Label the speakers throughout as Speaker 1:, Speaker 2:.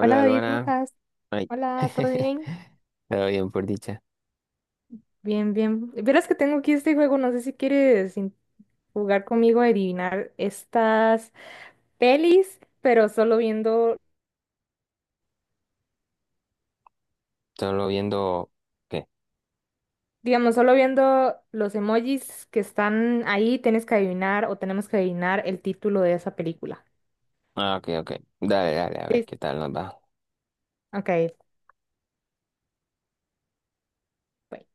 Speaker 1: Hola David, ¿cómo
Speaker 2: Luana.
Speaker 1: estás?
Speaker 2: Ay.
Speaker 1: Hola, ¿todo bien?
Speaker 2: Todo bien, por dicha.
Speaker 1: Bien, bien. Verás que tengo aquí este juego, no sé si quieres in- jugar conmigo a adivinar estas pelis, pero solo viendo,
Speaker 2: Solo viendo. ¿Qué?
Speaker 1: digamos, solo viendo los emojis que están ahí, tienes que adivinar o tenemos que adivinar el título de esa película.
Speaker 2: Ah, ok, ok. Dale, dale, a ver
Speaker 1: Listo.
Speaker 2: qué tal nos va.
Speaker 1: Ok, bueno.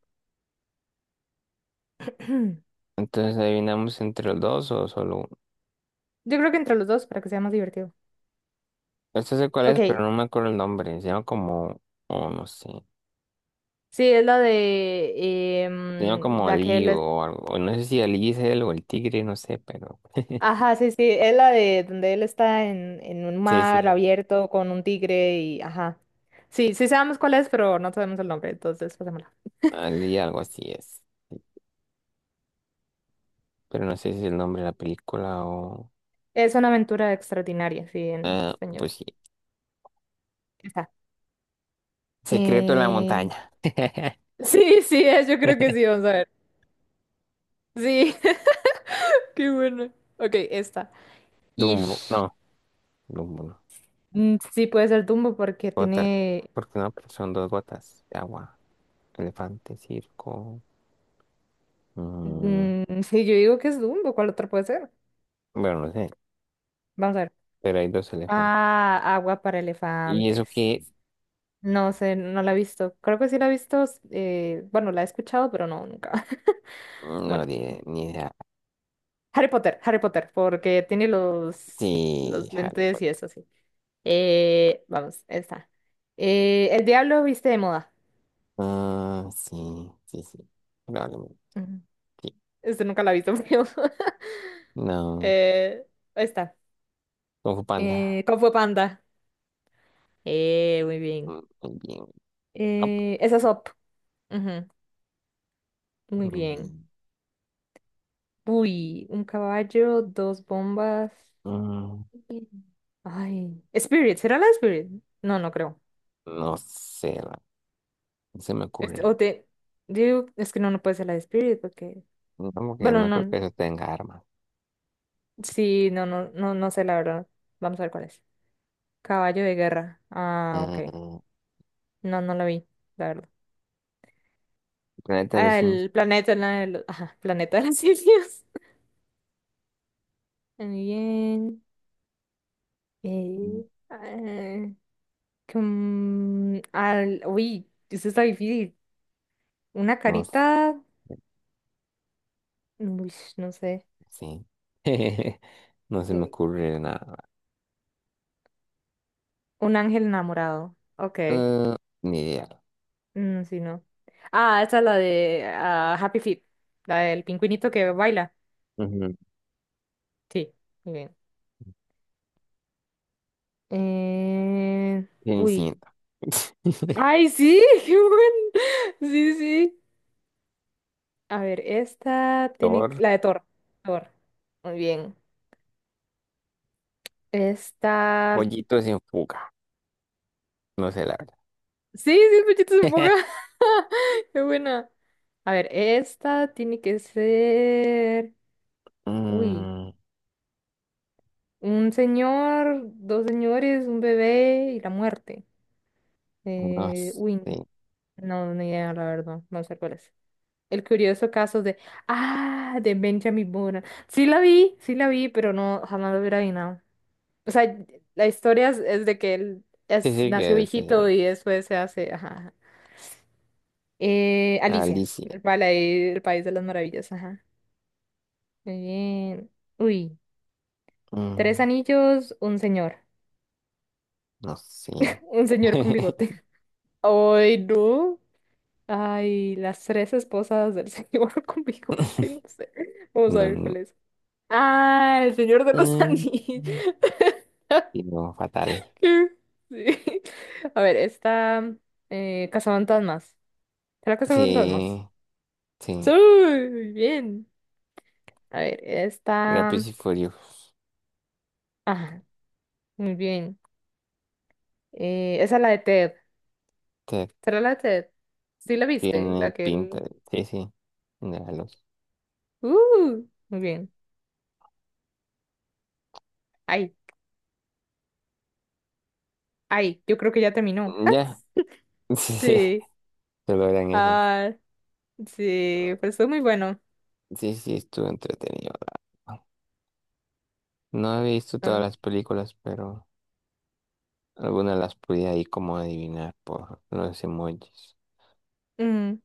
Speaker 2: Entonces, ¿adivinamos entre los dos o solo uno?
Speaker 1: Yo creo que entre los dos para que sea más divertido.
Speaker 2: Este sé cuál es, pero
Speaker 1: Ok,
Speaker 2: no me acuerdo el nombre. Se llama como... Oh, no sé.
Speaker 1: sí, es la de
Speaker 2: Se llama como
Speaker 1: la que
Speaker 2: Ali
Speaker 1: él.
Speaker 2: o algo, o no sé si Ali es él o el tigre, no sé, pero...
Speaker 1: Ajá, sí, sí, es la de donde él está en un
Speaker 2: Sí, sí.
Speaker 1: mar abierto con un tigre y ajá. Sí, sí sabemos cuál es, pero no sabemos el nombre, entonces pasémosla.
Speaker 2: Ali algo así es. Pero no sé si es el nombre de la película o...
Speaker 1: Es una aventura extraordinaria, sí, en
Speaker 2: Ah, pues
Speaker 1: español.
Speaker 2: sí.
Speaker 1: Está.
Speaker 2: Secreto en la
Speaker 1: Eh,
Speaker 2: montaña.
Speaker 1: Sí, sí, es, yo creo que sí, vamos a ver. Sí, qué bueno. Ok, esta. Y
Speaker 2: Dumbo. No, Dumbo, no.
Speaker 1: sí puede ser Dumbo porque
Speaker 2: Gotas.
Speaker 1: tiene...
Speaker 2: Porque no, pero son dos gotas de agua. Elefante, circo. mm,
Speaker 1: sí, yo digo que es Dumbo, ¿cuál otra puede ser?
Speaker 2: bueno, no sé.
Speaker 1: Vamos a ver.
Speaker 2: Pero hay dos elefantes.
Speaker 1: Ah, agua para
Speaker 2: ¿Y eso
Speaker 1: elefantes.
Speaker 2: qué es?
Speaker 1: No sé, no la he visto. Creo que sí la he visto, bueno, la he escuchado, pero no, nunca.
Speaker 2: No,
Speaker 1: Bueno,
Speaker 2: ni idea.
Speaker 1: Harry Potter, Harry Potter, porque tiene
Speaker 2: Sí,
Speaker 1: los
Speaker 2: Harry
Speaker 1: lentes
Speaker 2: Potter.
Speaker 1: y eso, sí. Vamos, esta. El diablo viste de moda.
Speaker 2: Ah, sí, sí, sí. Probablemente.
Speaker 1: Ujú.
Speaker 2: Sí.
Speaker 1: Este nunca la he visto, pero...
Speaker 2: No.
Speaker 1: eh, esta.
Speaker 2: Kung Fu Panda.
Speaker 1: Kung Fu Panda. Muy bien.
Speaker 2: Muy bien. Up.
Speaker 1: Esa es Up. Ujú, muy
Speaker 2: Muy
Speaker 1: bien.
Speaker 2: bien.
Speaker 1: Uy, un caballo, dos bombas.
Speaker 2: Mm,
Speaker 1: Sí. Ay, Spirit, ¿será la de Spirit? No, no creo.
Speaker 2: no sé. No se me
Speaker 1: Este,
Speaker 2: ocurre.
Speaker 1: o te digo, es que no, no puede ser la de Spirit porque,
Speaker 2: No, porque
Speaker 1: bueno,
Speaker 2: no creo que
Speaker 1: no,
Speaker 2: eso tenga armas.
Speaker 1: sí, no, no, no, no sé la verdad. Vamos a ver cuál es. Caballo de guerra. Ah, ok.
Speaker 2: Mm,
Speaker 1: No, no la vi, la verdad.
Speaker 2: Planeta de los
Speaker 1: Ah,
Speaker 2: Simios.
Speaker 1: el planeta, la de los, ajá, planeta de las simios. Muy bien. Eh, ah, com- al, uy, eso está difícil. Una
Speaker 2: No.
Speaker 1: carita, uy, no sé.
Speaker 2: Sí. No se me ocurre nada.
Speaker 1: Un ángel enamorado. Ok.
Speaker 2: Ah, ni idea.
Speaker 1: Sí, no. Ah, esta es la de Happy Feet. La del pingüinito que baila.
Speaker 2: Ujú.
Speaker 1: Sí, muy bien. Eh,
Speaker 2: Bien,
Speaker 1: Uy. ¡Ay, sí! ¡Qué buen! Sí, sí. A ver, esta tiene... que-
Speaker 2: Thor,
Speaker 1: La de Thor. Thor. Muy bien. Esta...
Speaker 2: pollitos en fuga. No sé la verdad.
Speaker 1: Sí, sí, pechito se ponga. ¡Qué buena! A ver, esta tiene que ser... Uy.
Speaker 2: Mm,
Speaker 1: Un señor, dos señores, un bebé y la muerte.
Speaker 2: no
Speaker 1: Uy,
Speaker 2: sé.
Speaker 1: no, ni idea, la verdad. No sé cuál es. El curioso caso de... Ah, de Benjamin Button. Sí la vi, pero no, jamás lo hubiera adivinado. O sea, la historia es de que él
Speaker 2: Sí,
Speaker 1: es,
Speaker 2: sí
Speaker 1: nació
Speaker 2: que es
Speaker 1: viejito y después se hace... Ajá, ajá. Alicia,
Speaker 2: Alicia.
Speaker 1: el, pala- el país de las maravillas. Ajá. Muy bien. Uy, tres
Speaker 2: Mm,
Speaker 1: anillos, un señor.
Speaker 2: no sé.
Speaker 1: Un señor con bigote. Ay, no. Ay, las tres esposas del señor con bigote, no sé. Vamos a
Speaker 2: No,
Speaker 1: ver
Speaker 2: no.
Speaker 1: cuál es. Ah, el señor de los
Speaker 2: Mm,
Speaker 1: anillos.
Speaker 2: sí, no, fatal.
Speaker 1: Sí. A ver, está Cazafantasmas. ¿Será Cazafantasmas?
Speaker 2: Sí,
Speaker 1: Sí,
Speaker 2: sí.
Speaker 1: muy bien. A ver, esta
Speaker 2: Rápidos y Furiosos.
Speaker 1: ajá, muy bien. Esa es la de Ted.
Speaker 2: Te
Speaker 1: ¿Será la de Ted? ¿Sí la viste?
Speaker 2: Tiene
Speaker 1: La que
Speaker 2: pinta.
Speaker 1: él.
Speaker 2: Sí, sí. De la luz.
Speaker 1: Muy bien. Ay, ay, yo creo que ya terminó.
Speaker 2: Ya.
Speaker 1: Sí.
Speaker 2: Solo eran esas.
Speaker 1: Ah, sí, pues estuvo muy bueno.
Speaker 2: Sí, sí, estuvo entretenido. No he visto todas
Speaker 1: Ah,
Speaker 2: las películas, pero algunas las pude ahí como adivinar por los emojis.
Speaker 1: mm,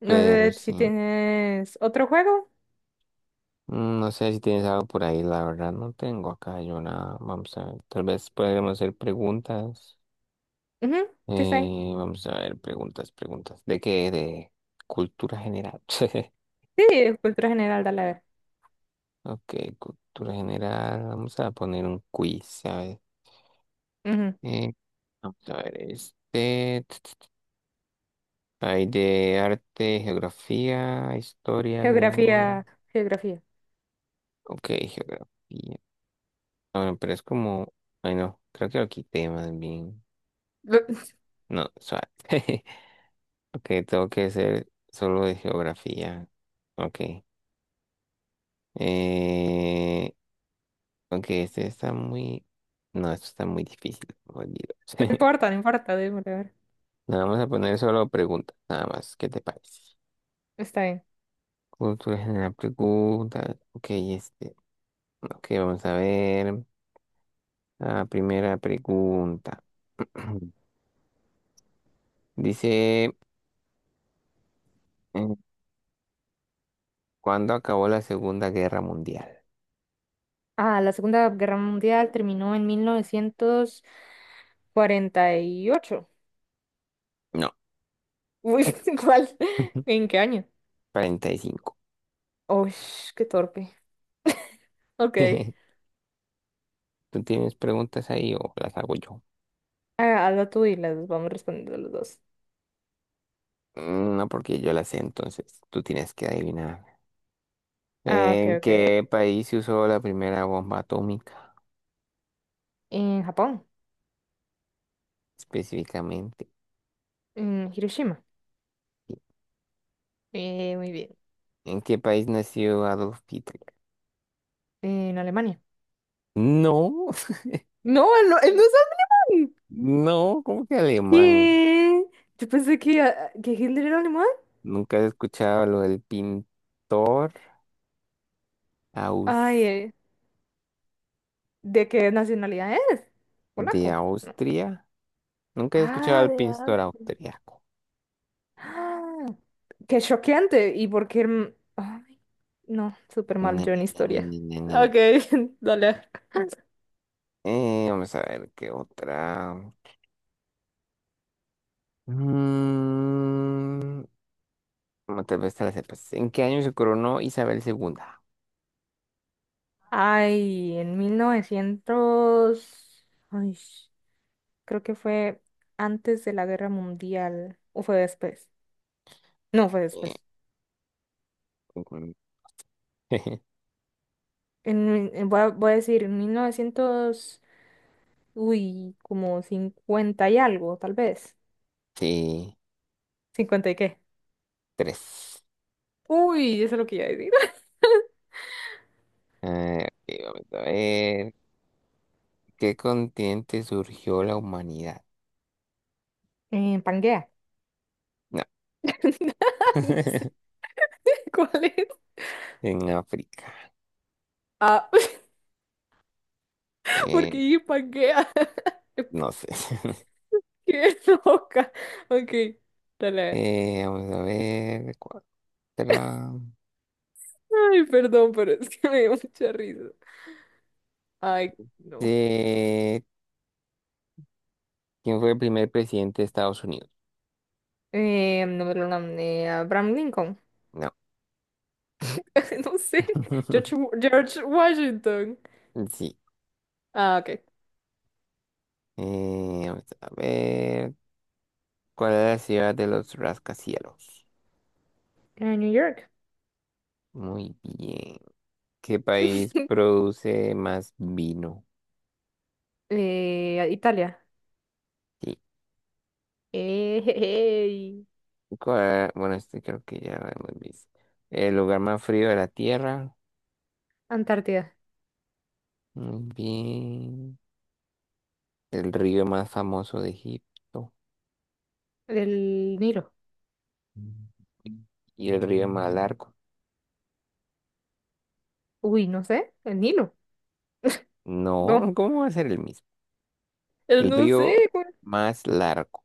Speaker 1: no
Speaker 2: Pero
Speaker 1: sé
Speaker 2: sí,
Speaker 1: si tienes otro juego.
Speaker 2: no sé si tienes algo por ahí, la verdad no tengo acá yo nada. Vamos a ver, tal vez podremos hacer preguntas.
Speaker 1: Ujú, design.
Speaker 2: Vamos a ver, preguntas, preguntas. ¿De qué? De cultura general.
Speaker 1: Sí, cultura general, dale a ver.
Speaker 2: Ok, cultura general. Vamos a poner un quiz, ¿sabes?
Speaker 1: Ujú.
Speaker 2: Eh, Vamos a ver este. Hay de arte, geografía, historia, lengua.
Speaker 1: Geografía, geografía.
Speaker 2: Ok, geografía. Ah, bueno, pero es como... Ay, no, creo que lo quité más bien.
Speaker 1: Lo-
Speaker 2: No, suave. Ok, tengo que hacer solo de geografía. Ok. Eh, ok, este está muy... No, esto está muy difícil. Olvídalo.
Speaker 1: No importa, no importa, démosle, a ver.
Speaker 2: Le vamos a poner solo preguntas, nada más. ¿Qué te parece?
Speaker 1: Está bien.
Speaker 2: Cultura general, preguntas. Ok, este. Ok, vamos a ver. La primera pregunta. Dice, eh, ¿cuándo acabó la Segunda Guerra Mundial?
Speaker 1: Ah, la Segunda Guerra Mundial terminó en 1948.
Speaker 2: No,
Speaker 1: Uy, ¿cuál? ¿En qué año?
Speaker 2: 45.
Speaker 1: Uy, qué torpe. Ok.
Speaker 2: ¿Tú tienes preguntas ahí o las hago yo?
Speaker 1: Ah, hazlo tú y las vamos respondiendo los dos.
Speaker 2: No, porque yo las sé, entonces tú tienes que adivinar.
Speaker 1: Ah, ok,
Speaker 2: ¿En
Speaker 1: ok.
Speaker 2: qué país se usó la primera bomba atómica
Speaker 1: En Japón.
Speaker 2: específicamente?
Speaker 1: En Hiroshima. Muy bien.
Speaker 2: ¿En qué país nació Adolf Hitler?
Speaker 1: En Alemania.
Speaker 2: No,
Speaker 1: No, él no, él no es alemán.
Speaker 2: no, ¿cómo que alemán?
Speaker 1: ¿Qué? Yo pensé que, ah, que Hitler era alemán.
Speaker 2: ¿Nunca has escuchado lo del pintor?
Speaker 1: Ay, ¿de qué nacionalidad es?
Speaker 2: De
Speaker 1: Polaco. No.
Speaker 2: Austria. Nunca he escuchado
Speaker 1: Ah,
Speaker 2: al
Speaker 1: de
Speaker 2: pintor
Speaker 1: Austria.
Speaker 2: austriaco.
Speaker 1: Ah, qué choqueante. ¿Y por qué? El- Ay, no, súper mal
Speaker 2: Na,
Speaker 1: yo en
Speaker 2: na, na,
Speaker 1: historia.
Speaker 2: na, na, na, na, na.
Speaker 1: Ok, dale.
Speaker 2: Vamos a ver qué otra. Mm, no, tal vez te la sepas. ¿En qué año se coronó Isabel II?
Speaker 1: Ay, en 1900, ay, creo que fue antes de la Guerra Mundial o fue después. No, fue
Speaker 2: Eh,
Speaker 1: después.
Speaker 2: Ujú.
Speaker 1: Voy a, voy a decir, en 1900 uy, como 50 y algo, tal vez.
Speaker 2: Sí,
Speaker 1: ¿Cincuenta y qué?
Speaker 2: tres.
Speaker 1: Uy, eso es lo que iba a decir.
Speaker 2: Ok, vamos a ver. ¿Qué continente surgió la humanidad?
Speaker 1: En Pangea.
Speaker 2: No.
Speaker 1: No sé cuál es.
Speaker 2: En África.
Speaker 1: Ah, porque
Speaker 2: Eh,
Speaker 1: dije Pangea.
Speaker 2: no sé.
Speaker 1: Qué loca. Ok, dale a ver.
Speaker 2: Vamos a ver. Cuatro.
Speaker 1: Ay, perdón, pero es que me dio mucha risa. Ay, no.
Speaker 2: Eh, ¿Quién fue el primer presidente de Estados Unidos?
Speaker 1: No me lo nombré. Abraham Lincoln.
Speaker 2: No.
Speaker 1: No sé. George, George Washington.
Speaker 2: Sí.
Speaker 1: Ah, ok.
Speaker 2: Vamos a ver. ¿Cuál es la ciudad de los rascacielos?
Speaker 1: En New York.
Speaker 2: Muy bien. ¿Qué país produce más vino?
Speaker 1: Italia.
Speaker 2: Sí.
Speaker 1: Ey,
Speaker 2: Bueno, este creo que ya lo hemos visto. El lugar más frío de la Tierra.
Speaker 1: Antártida.
Speaker 2: Muy bien. El río más famoso de Egipto.
Speaker 1: El Nilo.
Speaker 2: Mm. ¿Y el río más largo?
Speaker 1: Uy, no sé. El Nilo.
Speaker 2: No,
Speaker 1: No.
Speaker 2: ¿cómo va a ser el mismo?
Speaker 1: El
Speaker 2: El
Speaker 1: no
Speaker 2: río
Speaker 1: sé, güey.
Speaker 2: más largo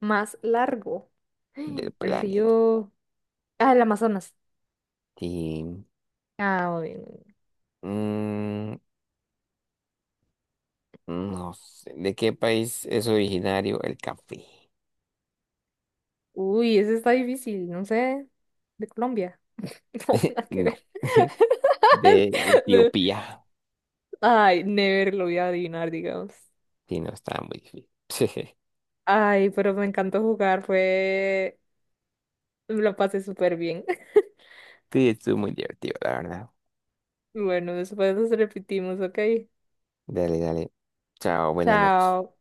Speaker 1: Más largo.
Speaker 2: del
Speaker 1: El
Speaker 2: planeta.
Speaker 1: río. Ah, el Amazonas.
Speaker 2: Y,
Speaker 1: Ah, muy bien, muy bien.
Speaker 2: mm, no sé. ¿De qué país es originario el café?
Speaker 1: Uy, ese está difícil. No sé. De Colombia. No, nada que
Speaker 2: No.
Speaker 1: ver.
Speaker 2: De
Speaker 1: No.
Speaker 2: Etiopía.
Speaker 1: Ay, never lo voy a adivinar, digamos.
Speaker 2: Sí, no estaba muy difícil.
Speaker 1: Ay, pero me encantó jugar. Fue. Lo pasé súper bien.
Speaker 2: Sí, estuvo muy divertido, la verdad.
Speaker 1: Bueno, después nos repetimos, ¿ok?
Speaker 2: Dale, dale. Chao, buenas noches.
Speaker 1: Chao.